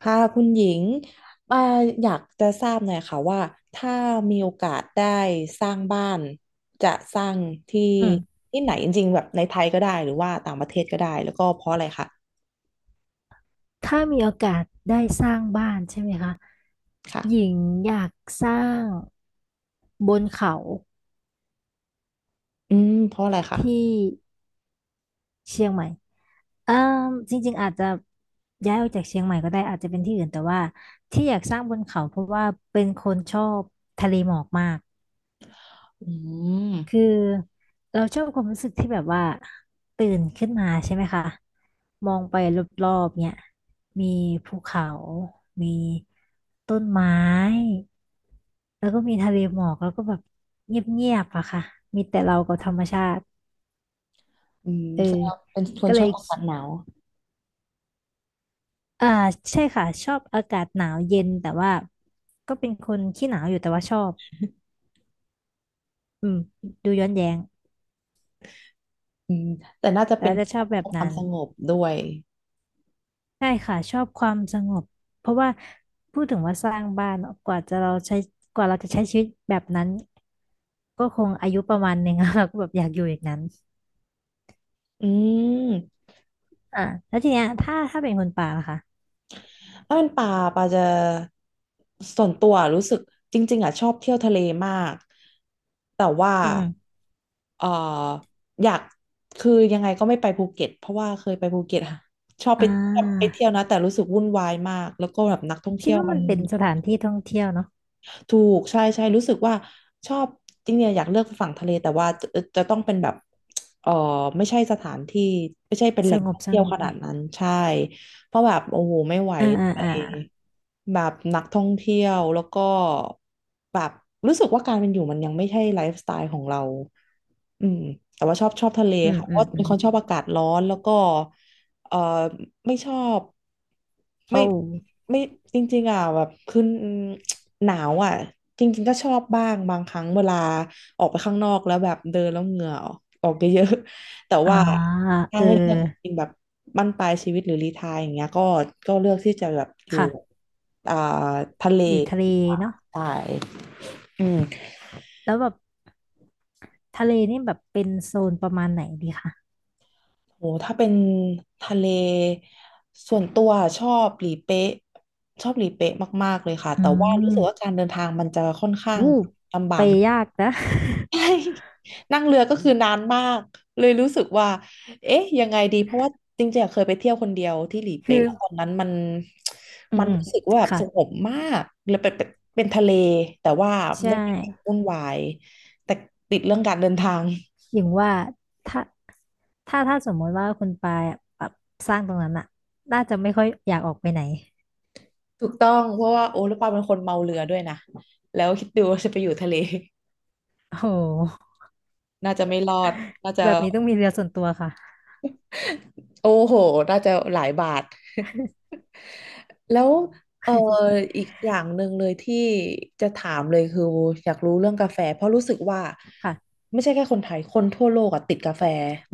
ค่ะคุณหญิงอ่ออยากจะทราบหน่อยค่ะว่าถ้ามีโอกาสได้สร้างบ้านจะสร้างที่อืมที่ไหนจริงๆแบบในไทยก็ได้หรือว่าต่างประเทศก็ได้แล้วก็เพราะอะไรคะถ้ามีโอกาสได้สร้างบ้านใช่ไหมคะหญิค่ะงอยากสร้างบนเขาอืมเพราะอะไรคะที่เชียงใหม่เอ่มจริงๆอาจจะย้ายออกจากเชียงใหม่ก็ได้อาจจะเป็นที่อื่นแต่ว่าที่อยากสร้างบนเขาเพราะว่าเป็นคนชอบทะเลหมอกมาก อืมคือเราชอบความรู้สึกที่แบบว่าตื่นขึ้นมาใช่ไหมคะมองไปรอบๆเนี่ยมีภูเขา มีต้นไม้แล้วก็มีทะเลหมอกแล้วก็แบบเงียบๆอะค่ะมีแต่เรากับธรรมชาติอืมเออแสดงว่าเป็นคนก็ชเลอยบอากาศหนาวอ่าใช่ค่ะชอบอากาศหนาวเย็นแต่ว่าก็เป็นคนขี้หนาวอยู่แต่ว่าชอบอืมดูย้อนแย้งอืมแต่น่าจะแต่เป็นว่าเพจะชอบแบบความนั้น สงบด้วยใช่ค่ะชอบความสงบเพราะว่าพูดถึงว่าสร้างบ้านเนอะกว่าเราจะใช้ชีวิตแบบนั้นก็คงอายุประมาณหนึ่ง แล้วเราก็แบบอยากอยู่อย่างนั้นอืม อ่าแล้วทีเนี้ยถ้าเป็นคนป่าล่ะคะถ้าเป็นป่าป่าจะส่วนตัวรู้สึกจริงๆอ่ะชอบเที่ยวทะเลมากแต่ว่าอืมอมเอ่ออยากคือยังไงก็ไม่ไปภูเก็ตเพราะว่าเคยไปภูเก็ตอะชอบอ่ไปชอบไปาเที่ยวนะแต่รู้สึกวุ่นวายมากแล้วก็แบบนักท่องคิเที่ดยวว่ามัมัน นเป็นสถานที่ท่องเที่ยวเนาะถูกใช่ใช่รู้สึกว่าชอบจริงๆเนี่ยอยากเลือกฝั่งทะเลแต่ว่าจะจะต้องเป็นแบบเออไม่ใช่สถานที่ไม่ใช่เป็นแหสล่งงท่บองสเที่ยวงขบนาเลดยนั้นใช่เพราะแบบโอ้โหไม่ไหวอ่าอ่าไปอ่าแบบนักท่องเที่ยวแล้วก็แบบรู้สึกว่าการเป็นอยู่มันยังไม่ใช่ไลฟ์สไตล์ของเราอืมแต่ว่าชอบทะเลอืมค่ะเพอืราะมว่าอืเป็นมคนชอบอากาศร้อนแล้วก็ เอ่อไม่ชอบโอ้ไม่ไม่จริงๆอ่ะแบบคือหนาวอ่ะจริงๆก็ชอบบ้างบางครั้งเวลาออกไปข้างนอกแล้วแบบเดินแล้วเหงื่อออกออกเยอะ ๆแต่อ่าว่าถ้าเออให้เลือกจริงๆแบบบั้นปลายชีวิตหรือรีไทร์อย่างเงี้ยก็ก็เลือกที่จะแบบอยู่ค่ะอ่าทะเลอยู่ทะเลเนาะใช่อืม แล้วแบบทะเลนี่แบบเป็นโซนประมาณไหนดีคะโหถ้าเป็นทะเลส่วนตัวชอบหลีเป๊ะชอบหลีเป๊ะมากๆเลยค่ะอืแต่ว่ารู้ม สึกว่าการเดินทางมันจะค่อนข้างวู้ลำบาไปก ยากนะ ใช่ นั่งเรือก็คือนานมากเลยรู้สึกว่าเอ๊ะยังไงดีเพราะว่าจริงๆอะเคยไปเที่ยวคนเดียวที่หลีคืเป๊ะอแล้วตอนนั้นมันอืมัมนอืมรู้สึกว่าแบบค่ะสงบมากเลยเป็นเป็นทะเลแต่ว่าใช่ไม่ได้แบบวุ่นวายแต่ติดเรื่องการเดินทาง อย่างว่าถ้าถ้าสมมติว่าคุณปายอะแบบสร้างตรงนั้นอะน่าจะไม่ค่อยอยากออกไปไหนถูกต้องเพราะว่าโอ้แล้วปาเป็นคนเมาเรือด้วยนะแล้วคิดดูว่าจะไปอยู่ทะเล โอ้โห น่าจะไม่รอดน่าจะแบบนี้ต้องมีเรือส่วนตัวค่ะ โอ้โหน่าจะหลายบาท แล้วเออ อีกอย่างหนึ่งเลยที่จะถามเลยคืออยากรู้เรื่องกาแฟเพราะรู้สึกว่าค่ะไม่ใช่แค่คนไทยคนทั่วโลกอะติดกาแฟ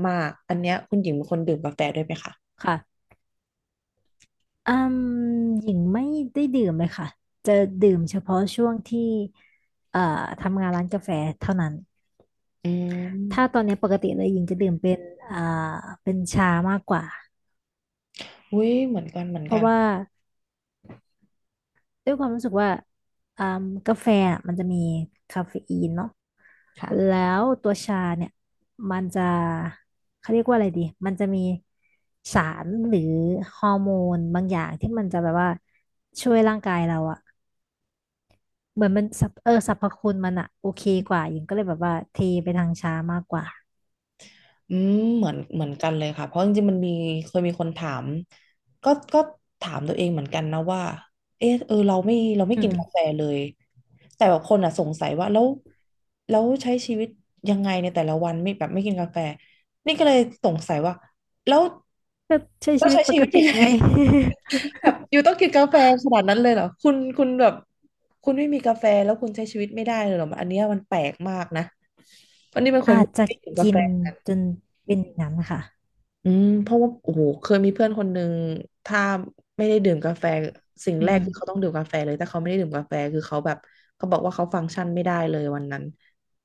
มากอันเนี้ยคุณหญิงเป็นคนดื่มกาแฟด้วยไหมคะค่ะอืมหญิงไม่ได้ดื่มเลยค่ะจะดื่มเฉพาะช่วงที่เอ่อทำงานร้านกาแฟเท่านั้นอืถ้าตมอนนี้ปกติเลยหญิงจะดื่มเป็นอ่าเป็นชามากกว่าอุ้ยเหมือนกันเหมือนเพกัราะนว่า ด้วยความรู้สึกว่าอ่ากาแฟอะมันจะมีคาเฟอีนเนาะค่ะ แล้วตัวชาเนี่ยมันจะเขาเรียกว่าอะไรดีมันจะมีสารหรือฮอร์โมนบางอย่างที่มันจะแบบว่าช่วยร่างกายเราอะเหมือนมันสรรพเออสรรพคุณมันอะโอเคกว่าหญิงก็เลยแบบว่าเทไปทางชามากกว่าอืมเหมือนกันเลยค่ะเพราะจริงๆมันมีเคยมีคนถามก็ถามตัวเองเหมือนกันนะว่าเออเราไม่เราไม่อืมกินอืมกาแฟเลยแต่แบบคนอ่ะสงสัยว่าแล้วใช้ชีวิตยังไงในแต่ละวันไม่แบบไม่กินกาแฟนี่ก็เลยสงสัยว่าแล้วก็ใช้แล้ชีววิตใช้ปชีกวิตยัติงไง ไง แบบอยู่ต้องกินกาแฟขนาดนั้นเลยเหรอคุณแบบคุณไม่มีกาแฟแล้วคุณใช้ชีวิตไม่ได้เลยเหรออันเนี้ยมันแปลกมากนะวันนี้เป็นคนอาจจะไม่กินกากิแฟ นจนเป็นอย่างนั้นค่ะอืมเพราะว่าโอ้โหเคยมีเพื่อนคนหนึ่งถ้าไม่ได้ดื่มกาแฟสิ่งอืแรกคือเขาต้มองดื่มกาแฟเลยถ้าเขาไม่ได้ดื่มกาแฟคือเขาแบบเขาบอกว่าเขาฟังก์ชันไม่ได้เลยวันนั้น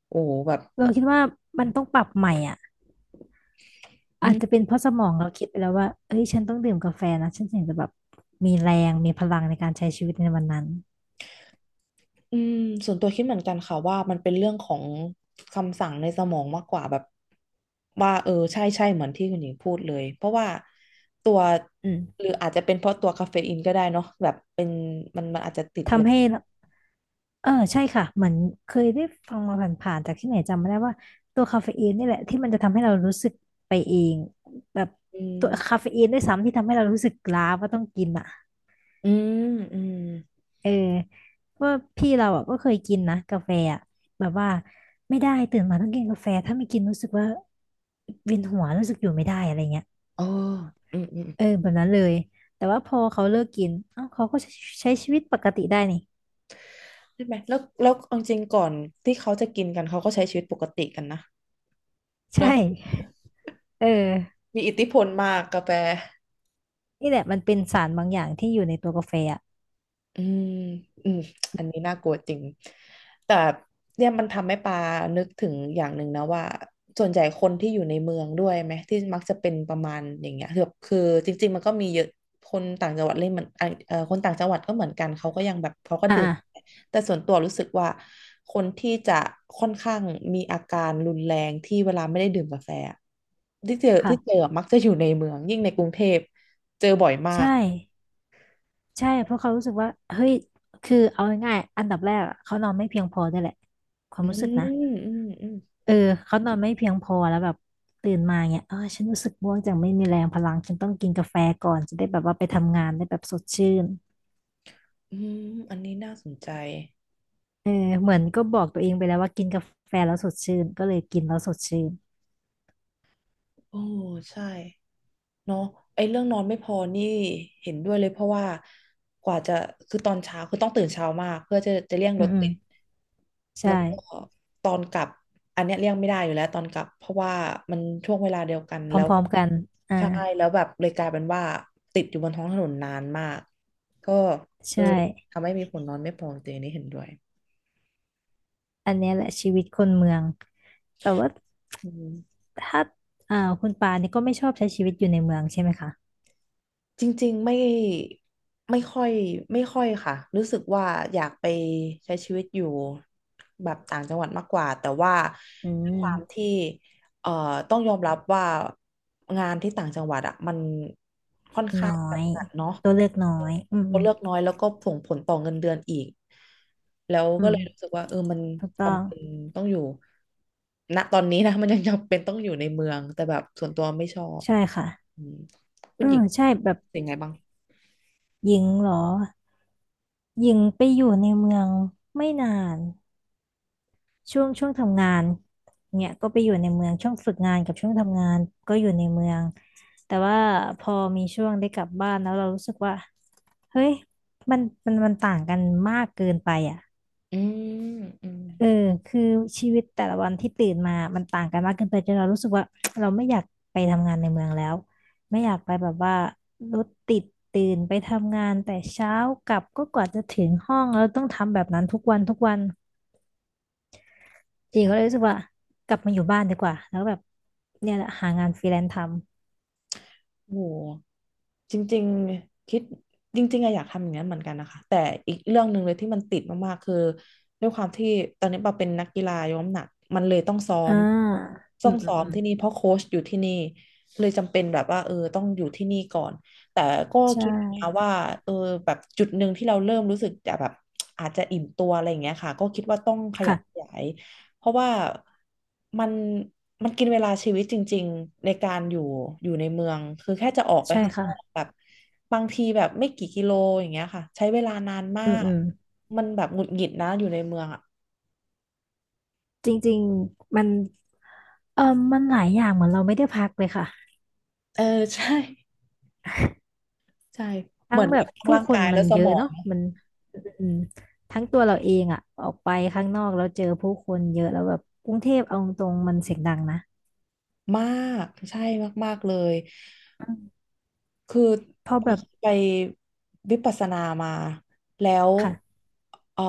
โอ้โหแบบเราคิดว่ามันต้องปรับใหม่อ่ะ อือาจจะเป็มนเพราะสมองเราคิดไปแล้วว่าเอ้ยฉันต้องดื่มกาแฟนะฉันถึงจะแบบมีแรงมีพลังในการใช้ชีวิตในวันนั้นอืมส่วนตัวคิดเหมือนกันค่ะว่ามันเป็นเรื่องของคำสั่งในสมองมากกว่าแบบว่าเออใช่ใช่เหมือนที่คุณหญิงพูดเลยเพราะว่าตัวอืมหรืออาจจะเป็นเพราะตัวคาเฟอีนก็ได้เนาะแบบเป็นมันอาจจะติดเลยทำให้เออใช่ค่ะเหมือนเคยได้ฟังมาผ่านๆจากที่ไหนจำไม่ได้ว่าตัวคาเฟอีนนี่แหละที่มันจะทำให้เรารู้สึกไปเองแบบอืตัวคามเฟอีนด้วยซ้ำที่ทำให้เรารู้สึกล้าว่าต้องกินอ่ะอืมอืมเออว่าพี่เราอ่ะก็เคยกินนะกาแฟอ่ะแบบว่าไม่ได้ตื่นมาต้องกินกาแฟถ้าไม่กินรู้สึกว่าเวียนหัวรู้สึกอยู่ไม่ได้อะไรเงี้ย โออืมอืม เออแบบนั้นเลยแต่ว่าพอเขาเลิกกินเอ้าเขาก็ใช้ใช้ชีวิตปกติได้นี่ ใช่ไหมแล้วแล้วเอาจริงก่อนที่เขาจะกินกัน เขาก็ใช้ชีวิตปกติกันนะ เนาะใช่เออมีอิทธิพลมากกาแฟ นี่แหละมันเป็นสารบางอย่างที่อยู่ในตัวกาแฟอ่ะอืมอืมอันนี้น่ากลัวจริงแต่เนี่ยมันทำให้ปานึกถึงอย่างหนึ่งนะว่า ส่วนใหญ่คนที่อยู่ในเมืองด้วยไหมที่มักจะเป็นประมาณอย่างเงี้ยคือจริงๆมันก็มีเยอะคนต่างจังหวัดเล่นเหมือนอ่ะคนต่างจังหวัดก็เหมือนกัน เขาก็ยังแบบเขาก็อดื่ม่าแต่ส่วนตัวรู้สึกว่าคนที่จะค่อนข้างมีอาการรุนแรงที่เวลาไม่ได้ดื่มกาแฟอะที่เจอค่ะมักจะอยู่ในเมืองยิ่งในกรุงเทพเจอบ่อยมาใช่กใช่เพราะเขารู้สึกว่าเฮ้ยคือเอาง่ายๆอันดับแรกอะเขานอนไม่เพียงพอด้วยแหละความอืรู้สึกนะมอืมอืม เออเขานอนไม่เพียงพอแล้วแบบตื่นมาเนี่ยเออฉันรู้สึกง่วงจังไม่มีแรงพลังฉันต้องกินกาแฟก่อนจะได้แบบว่าไปทำงานได้แบบสดชื่น อืมอันนี้น่าสนใจเออเหมือนก็บอกตัวเองไปแล้วว่ากินกาแฟแล้วสดชื่นก็เลยกินแล้วสดชื่นโอ้ใช่เนาะไอ้เรื่องนอนไม่พอนี่เห็นด้วยเลยเพราะว่ากว่าจะคือตอนเช้าคือต้องตื่นเช้ามากเพื่อจะเลี่ยงอืรมถอืมติดแล้ใช่วก็ตอนกลับอันเนี้ยเลี่ยงไม่ได้อยู่แล้วตอนกลับเพราะว่ามันช่วงเวลาเดียวกันพแล้วร้อมๆกันอ่าใช่แล้วแบบเลยกลายเป็นว่าติดอยู่บนท้องถนนนานมากก็ใชเออ่ทำให้มีผลนอนไม่พอจริงๆอันนี้เห็นด้วยอันเนี้ยแหละชีวิตคนเมืองแต่ว่าอืม ถ้าคุณปาเนี่ยก็ไม่ชอบใช้ชีวิตอยู่ในเมืองใช่ไหมคะจริงๆไม่ไม่ค่อยไม่ค่อยค่ะรู้สึกว่าอยากไปใช้ชีวิตอยู่แบบต่างจังหวัดมากกว่าแต่ว่าอืด้วยความมที่เอ่อต้องยอมรับว่างานที่ต่างจังหวัดอ่ะมันค่อนข้าน้องยจำกัดเนาะตัวเลือกน้อยอืมคอืนมเลือกน้อยแล้วก็ส่งผลต่อเงินเดือนอีกแล้วอืก็มเลยรู้สึกว่าเออมันถูกต้องจำเป็นต้องอยู่ณตอนนี้นะมันยังจำเป็นต้องอยู่ในเมืองแต่แบบส่วนตัวไม่ชอบใช่ค่ะอืม คุอืณหญิมงใช่แบบเป็นไงบ้างหญิงเหรอหญิงไปอยู่ในเมืองไม่นาน ช่วงช่วงทำงานเนี่ยก็ไปอยู่ในเมืองช่วงฝึกงานกับช่วงทำงานก็อยู่ในเมืองแต่ว่าพอมีช่วงได้กลับบ้านแล้วเรารู้สึกว่าเฮ้ยมันมันมันต่างกันมากเกินไปอ่ะอืมอืมเออคือชีวิตแต่ละวันที่ตื่นมามันต่างกันมากเกินไปจนเรารู้สึกว่า เราไม่อยากไปทำงานในเมืองแล้วไม่อยากไปแบบว่ารถติดตื่นไปทำงานแต่เช้ากลับก็กว่าจะถึงห้องแล้วต้องทำแบบนั้นทุกวันทุกวัน หีิงก็เลยใช่รู้สึกว่ากลับมาอยู่บ้านดีกว่าแล้วก็แบบเนี่ยแหละหางานฟรีแลนซ์ทโหจริงๆคิดจริงๆอะอยากทำอย่างนั้นเหมือนกันนะคะแต่อีกเรื่องหนึ่งเลยที่มันติดมากๆคือด้วยความที่ตอนนี้ปาเป็นนักกีฬายกน้ำหนักมันเลยต้องซ้อำมอืต้องมอืซ้มออืมมที่นี่เพราะโค้ชอยู่ที่นี่เลยจำเป็นแบบว่าเออต้องอยู่ที่นี่ก่อนแต่ก็ใชคิดนะ่ว่าเออแบบจุดหนึ่งที่เราเริ่มรู้สึกจะแบบอาจจะอิ่มตัวอะไรอย่างเงี้ยค่ะก็คิดว่าต้องขยับขค่ะยาย เพราะว่ามันมันกินเวลาชีวิตจริงๆในการอยู่ในเมืองคือแค่จะออกไปใช่ข้างนอกค่ะแบบบางทีแบบไม่กี่กิโลอย่างเงี้ยค่ะใช้เวลานานมาอืมอืกมมันแบบหงุดหงิดนะอยู่ในเมืองอ่ะจริงๆมันเออมันหลายอย่างเหมือนเราไม่ได้พักเลยค่ะ เออ ใช่ใช่เหทั้มืงอนแบแบบบทั้งผู้ร่างคนกายมัและนสเยมอะองเนาะมันอืมอืมทั้งตัวเราเองอะออกไปข้างนอกแล้วเจอผู้คนเยอะแล้วแบบกรุงเทพเอาตรงๆมันเสียงดังนะมากใช่มากๆเลย อืมคือพอแบบไปวิปัสสนามาแล้วค่ะ เอ่อ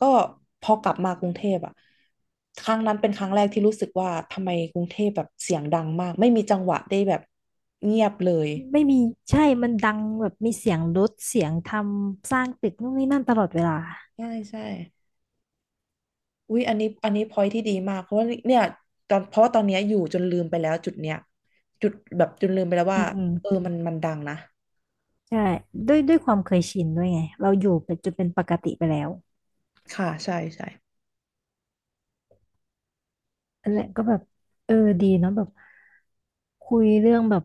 ก็พอกลับมากรุงเทพอะครั้งนั้นเป็นครั้งแรกที่รู้สึกว่าทำไมกรุงเทพแบบเสียงดังมากไม่มีจังหวะได้แบบเงียบเลยไม่มีใช่ มันดังแบบมีเสียงรถเสียงทำสร้างตึกนู่นนี่นั่นตลอดเวลาใช่อุ้ยอันนี้พอยที่ดีมากเพราะว่าเนี่ยตอนเพราะว่าตอนเนี้ยอยู่จนลืมไปแล้วจุดเนี้ยจุดแบบจนลืมไปแล้วอืว่ามอืมเออมันดังนะใช่ด้วยด้วยความเคยชินด้วยไงเราอยู่เป็นจนเป็นปกติไปแล้วค่ะใช่อันแหละก็แบบเออดีเนาะแบบคุยเรื่องแบบ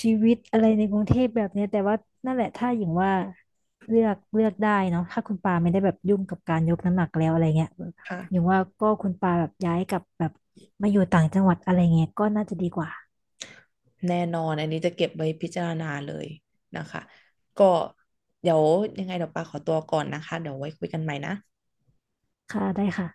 ชีวิตอะไรในกรุงเทพแบบเนี้ยแต่ว่านั่นแหละถ้าอย่างว่าเลือกได้เนาะถ้าคุณปาไม่ได้แบบยุ่งกับการยกน้ำหนักแล้วอะไรเงี้ยอย่างค่ะ ว่าก็คุณปาแบบย้ายกลับแบบมาอยู่ต่างจังหวัดอะไรเงี้ยก็น่าจะดีกว่าแน่นอนอันนี้จะเก็บไว้พิจารณาเลยนะคะก็เดี๋ยวยังไงเดี๋ยวปาขอตัวก่อนนะคะเดี๋ยวไว้คุยกันใหม่นะค่ะได้ค่ะ